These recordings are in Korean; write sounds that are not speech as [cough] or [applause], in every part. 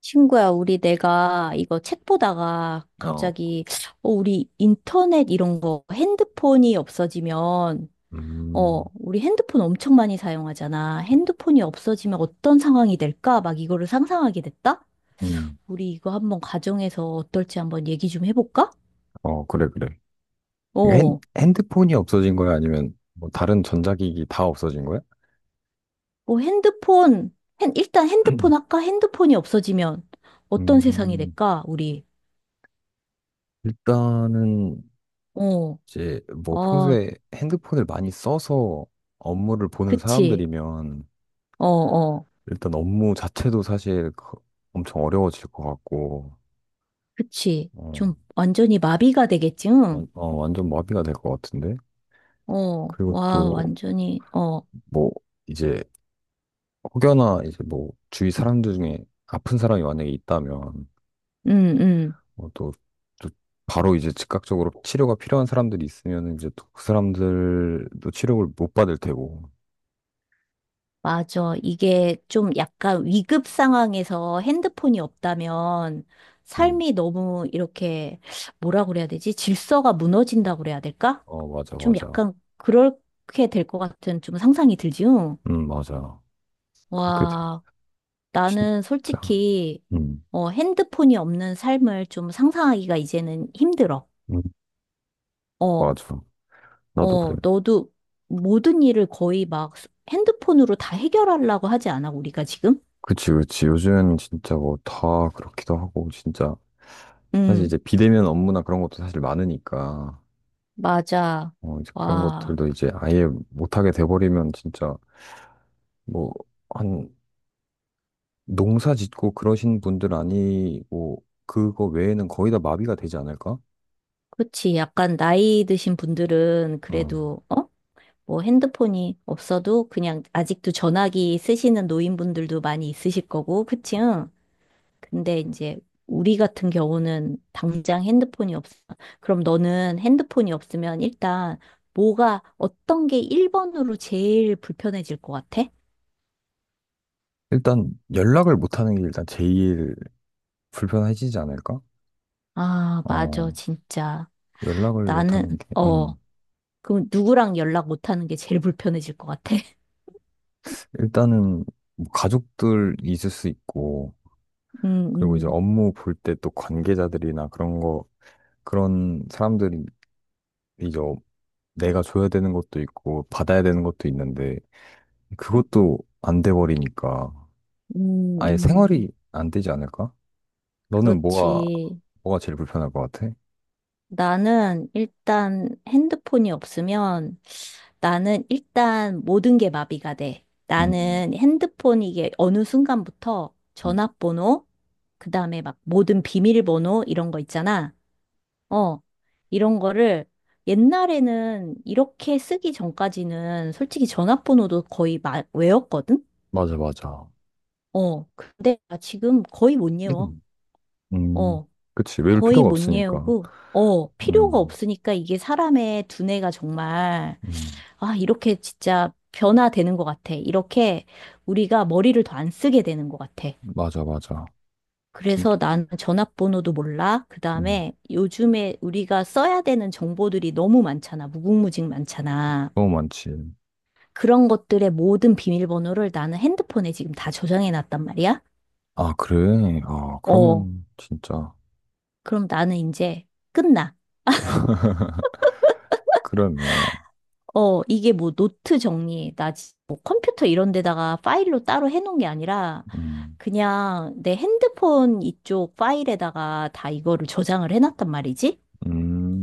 친구야, 우리 내가 이거 책 보다가 어, 우리 인터넷 이런 거 핸드폰이 음, 우리 핸드폰 엄청 많이 사용하잖아. 핸드폰이 없어지면 어떤 상황이 될까? 막 이거를 상상하게 됐다? 음, 우리 이거 한번 가정에서 어떨지 한번 얘기 좀 해볼까? 어, 그래, 그래. 이게 어, 핸드폰이 없어진 거야? 아니면 뭐 다른 전자기기 다 없어진 거야? 뭐 핸드폰, 일단 핸드폰 [clears throat] 아까 핸드폰이 없어지면 어떤 세상이 음, 될까? 일단은 어, 이제 뭐 아, 평소에 핸드폰을 많이 써서 업무를 보는 그치. 사람들이면 어, 어. 일단 업무 자체도 사실 엄청 어려워질 것 같고, 그치. 어, 좀 완전히 마비가 되겠지, 응? 완전 마비가 될 것 같은데? 그리고 또 완전히, 어, 뭐 이제 혹여나 이제 뭐 주위 사람들 중에 아픈 사람이 만약에 있다면 응, 응. 어, 또 바로 이제 즉각적으로 치료가 필요한 사람들이 있으면 이제 또 그 사람들도 치료를 못 받을 테고. 맞아. 이게 좀 약간 위급 상황에서 핸드폰이 없다면 음. 삶이 너무 이렇게, 뭐라 그래야 되지? 질서가 무너진다고 그래야 될까? 어, 맞아, 좀 맞아. 약간 그렇게 될 것 같은 좀 상상이 들지, 응? 맞아. 그게 다- 와, 나는 진짜. 솔직히, 음, 어, 핸드폰이 없는 삶을 좀 상상하기가 이제는 힘들어. 음, 어. 맞아. 나도 그래. 어, 너도 모든 일을 거의 막 핸드폰으로 다 해결하려고 하지 않아, 우리가 지금? 그치, 그치. 요즘 진짜 뭐 다 그렇기도 하고, 진짜. 사실 응, 이제 비대면 업무나 그런 것도 사실 많으니까, 맞아. 어, 이제 그런 와, 것들도 이제 아예 못하게 돼버리면 진짜 뭐, 한 농사 짓고 그러신 분들 아니고, 그거 외에는 거의 다 마비가 되지 않을까? 그치. 약간 나이 드신 분들은 어. 그래도, 어? 뭐 핸드폰이 없어도 그냥 아직도 전화기 쓰시는 노인분들도 많이 있으실 거고, 그치? 응? 근데 이제 우리 같은 경우는 당장 핸드폰이 없어. 그럼 너는 핸드폰이 없으면 일단 뭐가 어떤 게 1번으로 제일 불편해질 것 같아? 일단 연락을 못하는 게 일단 제일 불편해지지 않을까? 아, 맞아, 어, 진짜. 연락을 나는, 못하는 게, 어, 그럼 누구랑 연락 못하는 게 제일 [laughs] 불편해질 것 같아. [laughs] 일단은 뭐 가족들 있을 수 있고, 음, 그리고 이제 음, 업무 볼 때 또 관계자들이나 그런 거, 그런 사람들이 이제 어- 내가 줘야 되는 것도 있고, 받아야 되는 것도 있는데, 그것도 안 돼 버리니까 음, 아예 음. 생활이 안 되지 않을까? 너는 그렇지. 뭐가 제일 불편할 것 같아? 나는 일단 핸드폰이 없으면 나는 일단 모든 게 마비가 돼. 음, 나는 핸드폰 이게 어느 순간부터 음. 전화번호, 그 다음에 막 모든 비밀번호 이런 거 있잖아. 어, 이런 거를 옛날에는 이렇게 쓰기 전까지는 솔직히 전화번호도 거의 마, 외웠거든? 맞아, 맞아. 어, 근데 나 지금 거의 못 외워. 음, 음. 어, 그치. 외울 거의 필요가 못 없으니까. 외우고, 어, 필요가 음, 없으니까 이게 사람의 두뇌가 정말, 음. 아, 이렇게 진짜 변화되는 것 같아. 이렇게 우리가 머리를 더 안 쓰게 되는 것 같아. 맞아, 맞아. 그래서 진짜, 나는 전화번호도 몰라. 그 음. 다음에 요즘에 우리가 써야 되는 정보들이 너무 많잖아. 무궁무진 많잖아. 너무 많지. 그런 것들의 모든 비밀번호를 나는 핸드폰에 지금 다 저장해 놨단 말이야. 아, 그래? 아, 어, 그러면 진짜. 그럼 나는 이제 끝나. [laughs] 그러네. 어, 이게 뭐 노트 정리, 나 지- 뭐 컴퓨터 이런 데다가 파일로 따로 해놓은 게 아니라 음, 그냥 내 핸드폰 이쪽 파일에다가 다 이거를 저장을 해놨단 말이지.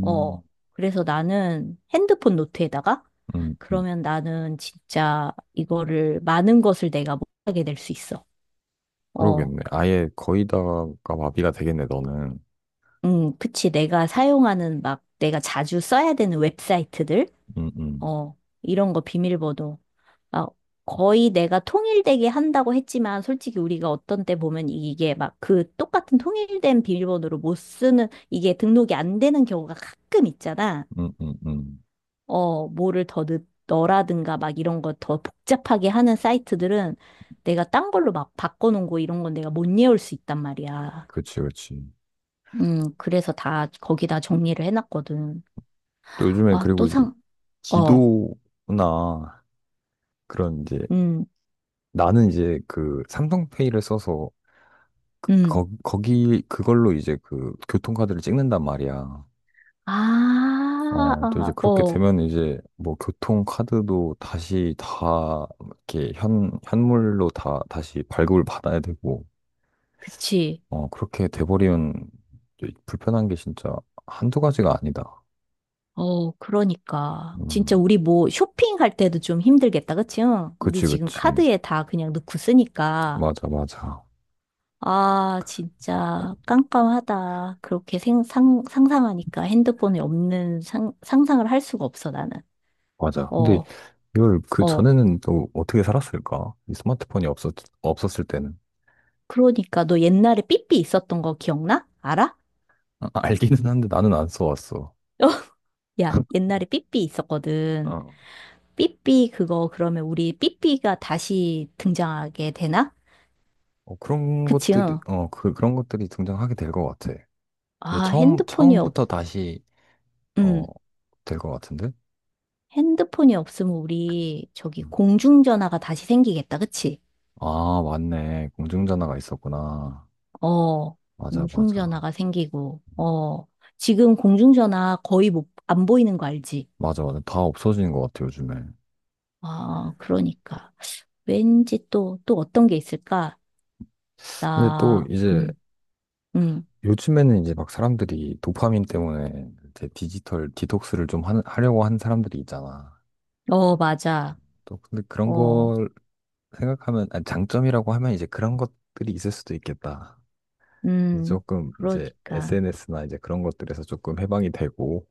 어, 그래서 나는 핸드폰 노트에다가 음, 음. 그러면 나는 진짜 이거를 많은 것을 내가 못하게 될 수 있어. 어. 그러겠네. 아예 거의 다가 마비가 되겠네, 너는. 그치. 내가 사용하는 막 내가 자주 써야 되는 웹사이트들, 음, 음, 어, 이런 거 비밀번호. 아, 거의 내가 통일되게 한다고 했지만 솔직히 우리가 어떤 때 보면 이게 막 그 똑같은 통일된 비밀번호로 못 쓰는 이게 등록이 안 되는 경우가 가끔 있잖아. 음, 음, 음. 어, 뭐를 더 넣, 너라든가 막 이런 거 더 복잡하게 하는 사이트들은 내가 딴 걸로 막 바꿔놓은 거 이런 건 내가 못 외울 수 있단 말이야. 그치, 그치. 그래서 다 거기다 정리를 해놨거든. 또 요즘에 아, 그리고 또 이제 상, 어, 지도나 그런 이제 음, 나는 이제 그 삼성페이를 써서 음. 거기 그걸로 이제 그 교통카드를 찍는단 말이야. 아, 어, 또 이제 어, 그렇게 되면 이제 뭐 교통카드도 다시 다 이렇게 현물로 다 다시 발급을 받아야 되고, 그치. 어, 그렇게 돼버리면 이제 불편한 게 진짜 한두 가지가 아니다. 어, 그러니까. 진짜 음, 우리 뭐 쇼핑할 때도 좀 힘들겠다, 그치? 응? 우리 그치, 지금 그치. 카드에 다 그냥 넣고 쓰니까. 맞아, 맞아. 아, 진짜 깜깜하다. 그렇게 생, 상, 상상하니까 핸드폰에 없는 상, 상상을 할 수가 없어, 나는. 맞아. 근데 어, 이걸 그 어. 전에는 또 어떻게 살았을까? 이 스마트폰이 없었을 때는. 그러니까 너 옛날에 삐삐 있었던 거 기억나? 알아? 아, 알기는 한데 나는 안 써왔어. [laughs] 야, 옛날에 삐삐 있었거든. 어, 삐삐 그거 그러면 우리 삐삐가 다시 등장하게 되나? 어, 그런 그치? 것들이, 응. 어, 그런 것들이 등장하게 될 것 같아. 근데 아, 핸드폰이 없, 처음부터 다시, 어, 음, 될 것 같은데? 핸드폰이 없으면 우리 저기 음. 공중전화가 다시 생기겠다. 그치? 아, 맞네. 공중전화가 있었구나. 어, 맞아, 맞아. 공중전화가 생기고, 어, 지금 공중전화 거의 못, 안 보이는 거 알지? 맞아, 맞아. 다 없어지는 것 같아, 요즘에. 아, 그러니까. 왠지 또, 또 어떤 게 있을까? 근데 나, 또 이제, 음, 요즘에는 이제 막 사람들이 도파민 때문에 이제 디지털 디톡스를 좀 하려고 하는 사람들이 있잖아. 어, 맞아. 또, 근데 그런 어, 걸 생각하면, 아니, 장점이라고 하면 이제 그런 것들이 있을 수도 있겠다. 이제 음, 조금 이제 그러니까. SNS나 이제 그런 것들에서 조금 해방이 되고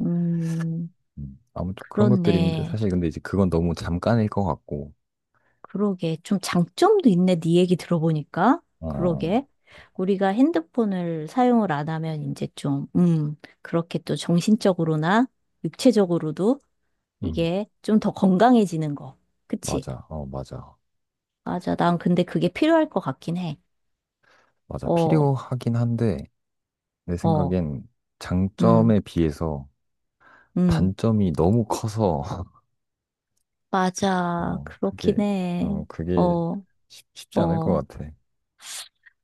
음. 아무튼 그런 것들이 있는데 그렇네. 사실 근데 이제 그건 너무 잠깐일 것 같고 그러게. 좀 장점도 있네. 네 얘기 들어보니까. 어, 그러게. 우리가 핸드폰을 사용을 안 하면 이제 좀, 그렇게 또 정신적으로나 육체적으로도 음, 이게 좀 더 건강해지는 거. 그치? 맞아. 어, 맞아. 맞아. 난 근데 그게 필요할 것 같긴 해. 맞아. 어, 필요하긴 한데, 내 어, 생각엔 음, 장점에 비해서 음. 단점이 너무 커서, [laughs] 그, 맞아. 어, 그렇긴 그게, 해. 어, 그게 어, 쉽지 않을 어. 것 같아.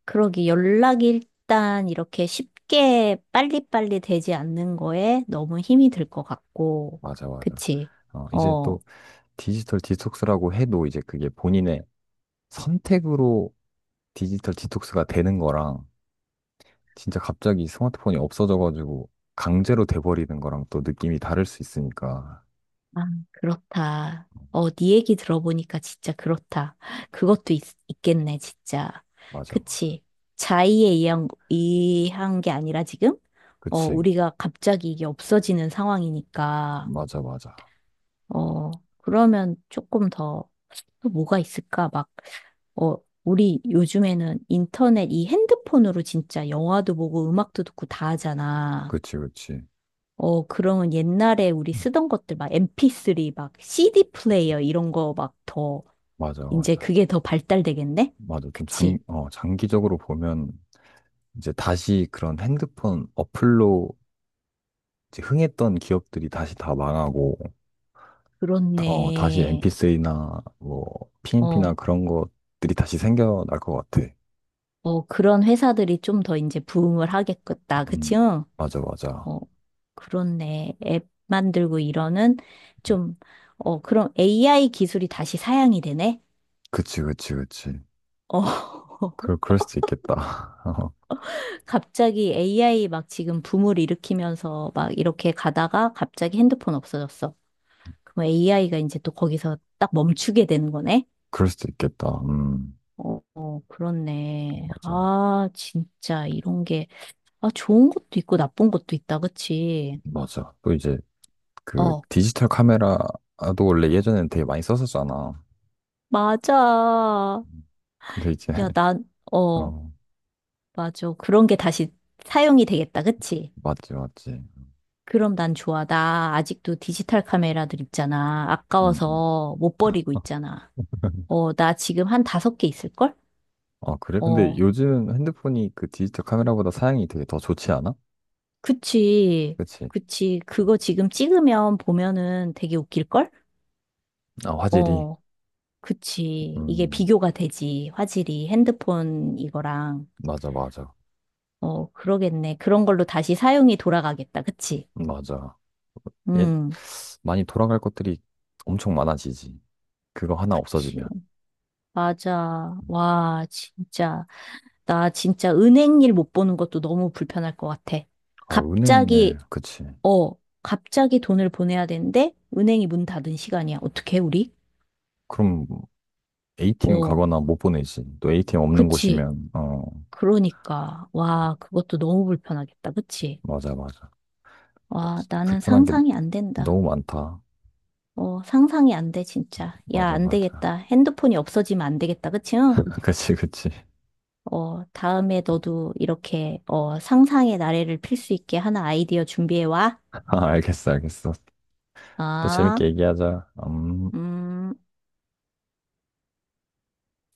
그러기 연락이 일단 이렇게 쉽게 빨리빨리 되지 않는 거에 너무 힘이 들 것 같고, 맞아, 맞아. 그치? 어, 이제 어, 또 디지털 디톡스라고 해도 이제 그게 본인의 선택으로 디지털 디톡스가 되는 거랑 진짜 갑자기 스마트폰이 없어져가지고 강제로 돼버리는 거랑 또 느낌이 다를 수 있으니까. 아, 그렇다. 어, 네 얘기 들어보니까 진짜 그렇다. 그것도 있, 겠네 진짜. 맞아, 맞아. 그치? 자의에 의한, 게 아니라 지금? 어, 그치. 우리가 갑자기 이게 없어지는 상황이니까. 맞아, 맞아. 어, 그러면 조금 더, 또 뭐가 있을까? 막, 어, 우리 요즘에는 인터넷 이 핸드폰으로 진짜 영화도 보고 음악도 듣고 다 하잖아. 그치, 그치. 어, 그러면 옛날에 우리 음. 쓰던 것들 막 MP3, 막 CD 플레이어 이런 거 막 더, 맞아, 이제 맞아. 그게 더 발달되겠네? 맞아. 좀 장, 그치? 어, 장기적으로 보면 이제 다시 그런 핸드폰 어플로 이제 흥했던 기업들이 다시 다 망하고, 어, 다시 m 그렇네. p c 나 뭐, PMP나 어, 그런 것들이 다시 생겨날 것 같아. 어, 그런 회사들이 좀 더 이제 부흥을 하겠겠다. 그치? 음, 응. 맞아, 맞아. 어, 그렇네. 앱 만들고 이러는 음. 좀, 어, 그럼 AI 기술이 다시 사양이 되네? 그치, 그치, 그치. 어, [laughs] 그럴 수도 있겠다. [laughs] 어, 갑자기 AI 막 지금 붐을 일으키면서 막 이렇게 가다가 갑자기 핸드폰 없어졌어. 그럼 AI가 이제 또 거기서 딱 멈추게 되는 거네? 그럴 수도 있겠다. 어, 어, 그렇네. 맞아. 아, 진짜 이런 게, 아, 좋은 것도 있고 나쁜 것도 있다, 그치? 맞아. 또 이제 그 어, 디지털 카메라도 원래 예전에는 되게 많이 썼었잖아. 맞아. 음, 근데 이제, 야, [laughs] 난, 어. 어, 맞아. 그런 게 다시 사용이 되겠다. 그치? 맞지, 맞지. 그럼 난 좋아. 나 아직도 디지털 카메라들 있잖아. 음, 음. 아까워서 못 버리고 있잖아. [laughs] 어, 나 지금 한 5개 있을걸? 아, 그래? 근데 어, 요즘 핸드폰이 그 디지털 카메라보다 사양이 되게 더 좋지 않아? 그치. 그치? 그치. 그거 지금 찍으면 보면은 되게 웃길걸? 아, 화질이. 어, 그치. 이게 음, 비교가 되지. 화질이 핸드폰 이거랑. 맞아, 맞아. 어, 그러겠네. 그런 걸로 다시 사용이 돌아가겠다. 그치? 맞아. 예, 음, 많이 돌아갈 것들이 엄청 많아지지. 그거 하나 그치. 없어지면. 맞아. 와, 진짜. 나 진짜 은행 일 못 보는 것도 너무 불편할 것 같아. 아, 은행 갑자기, 일, 그치. 어, 갑자기 돈을 보내야 되는데, 은행이 문 닫은 시간이야. 어떻게, 우리? 그럼 A팀 어, 가거나 못 보내지. 또 A팀 없는 그치. 곳이면, 어, 그러니까. 와, 그것도 너무 불편하겠다. 그치? 맞아, 맞아. 와, 진짜 나는 불편한 게 상상이 안 된다. 너무 많다. 어, 상상이 안 돼, 진짜. 야, 맞아, 안 맞아. 되겠다. 핸드폰이 없어지면 안 되겠다. 그치? 응? [laughs] 그치, 그치. 어, 다음에 너도 이렇게, 어, 상상의 나래를 필 수 있게 하나 아이디어 준비해 와. 아, 알겠어, 알겠어. 또 아, 재밌게 얘기하자. 음. 음.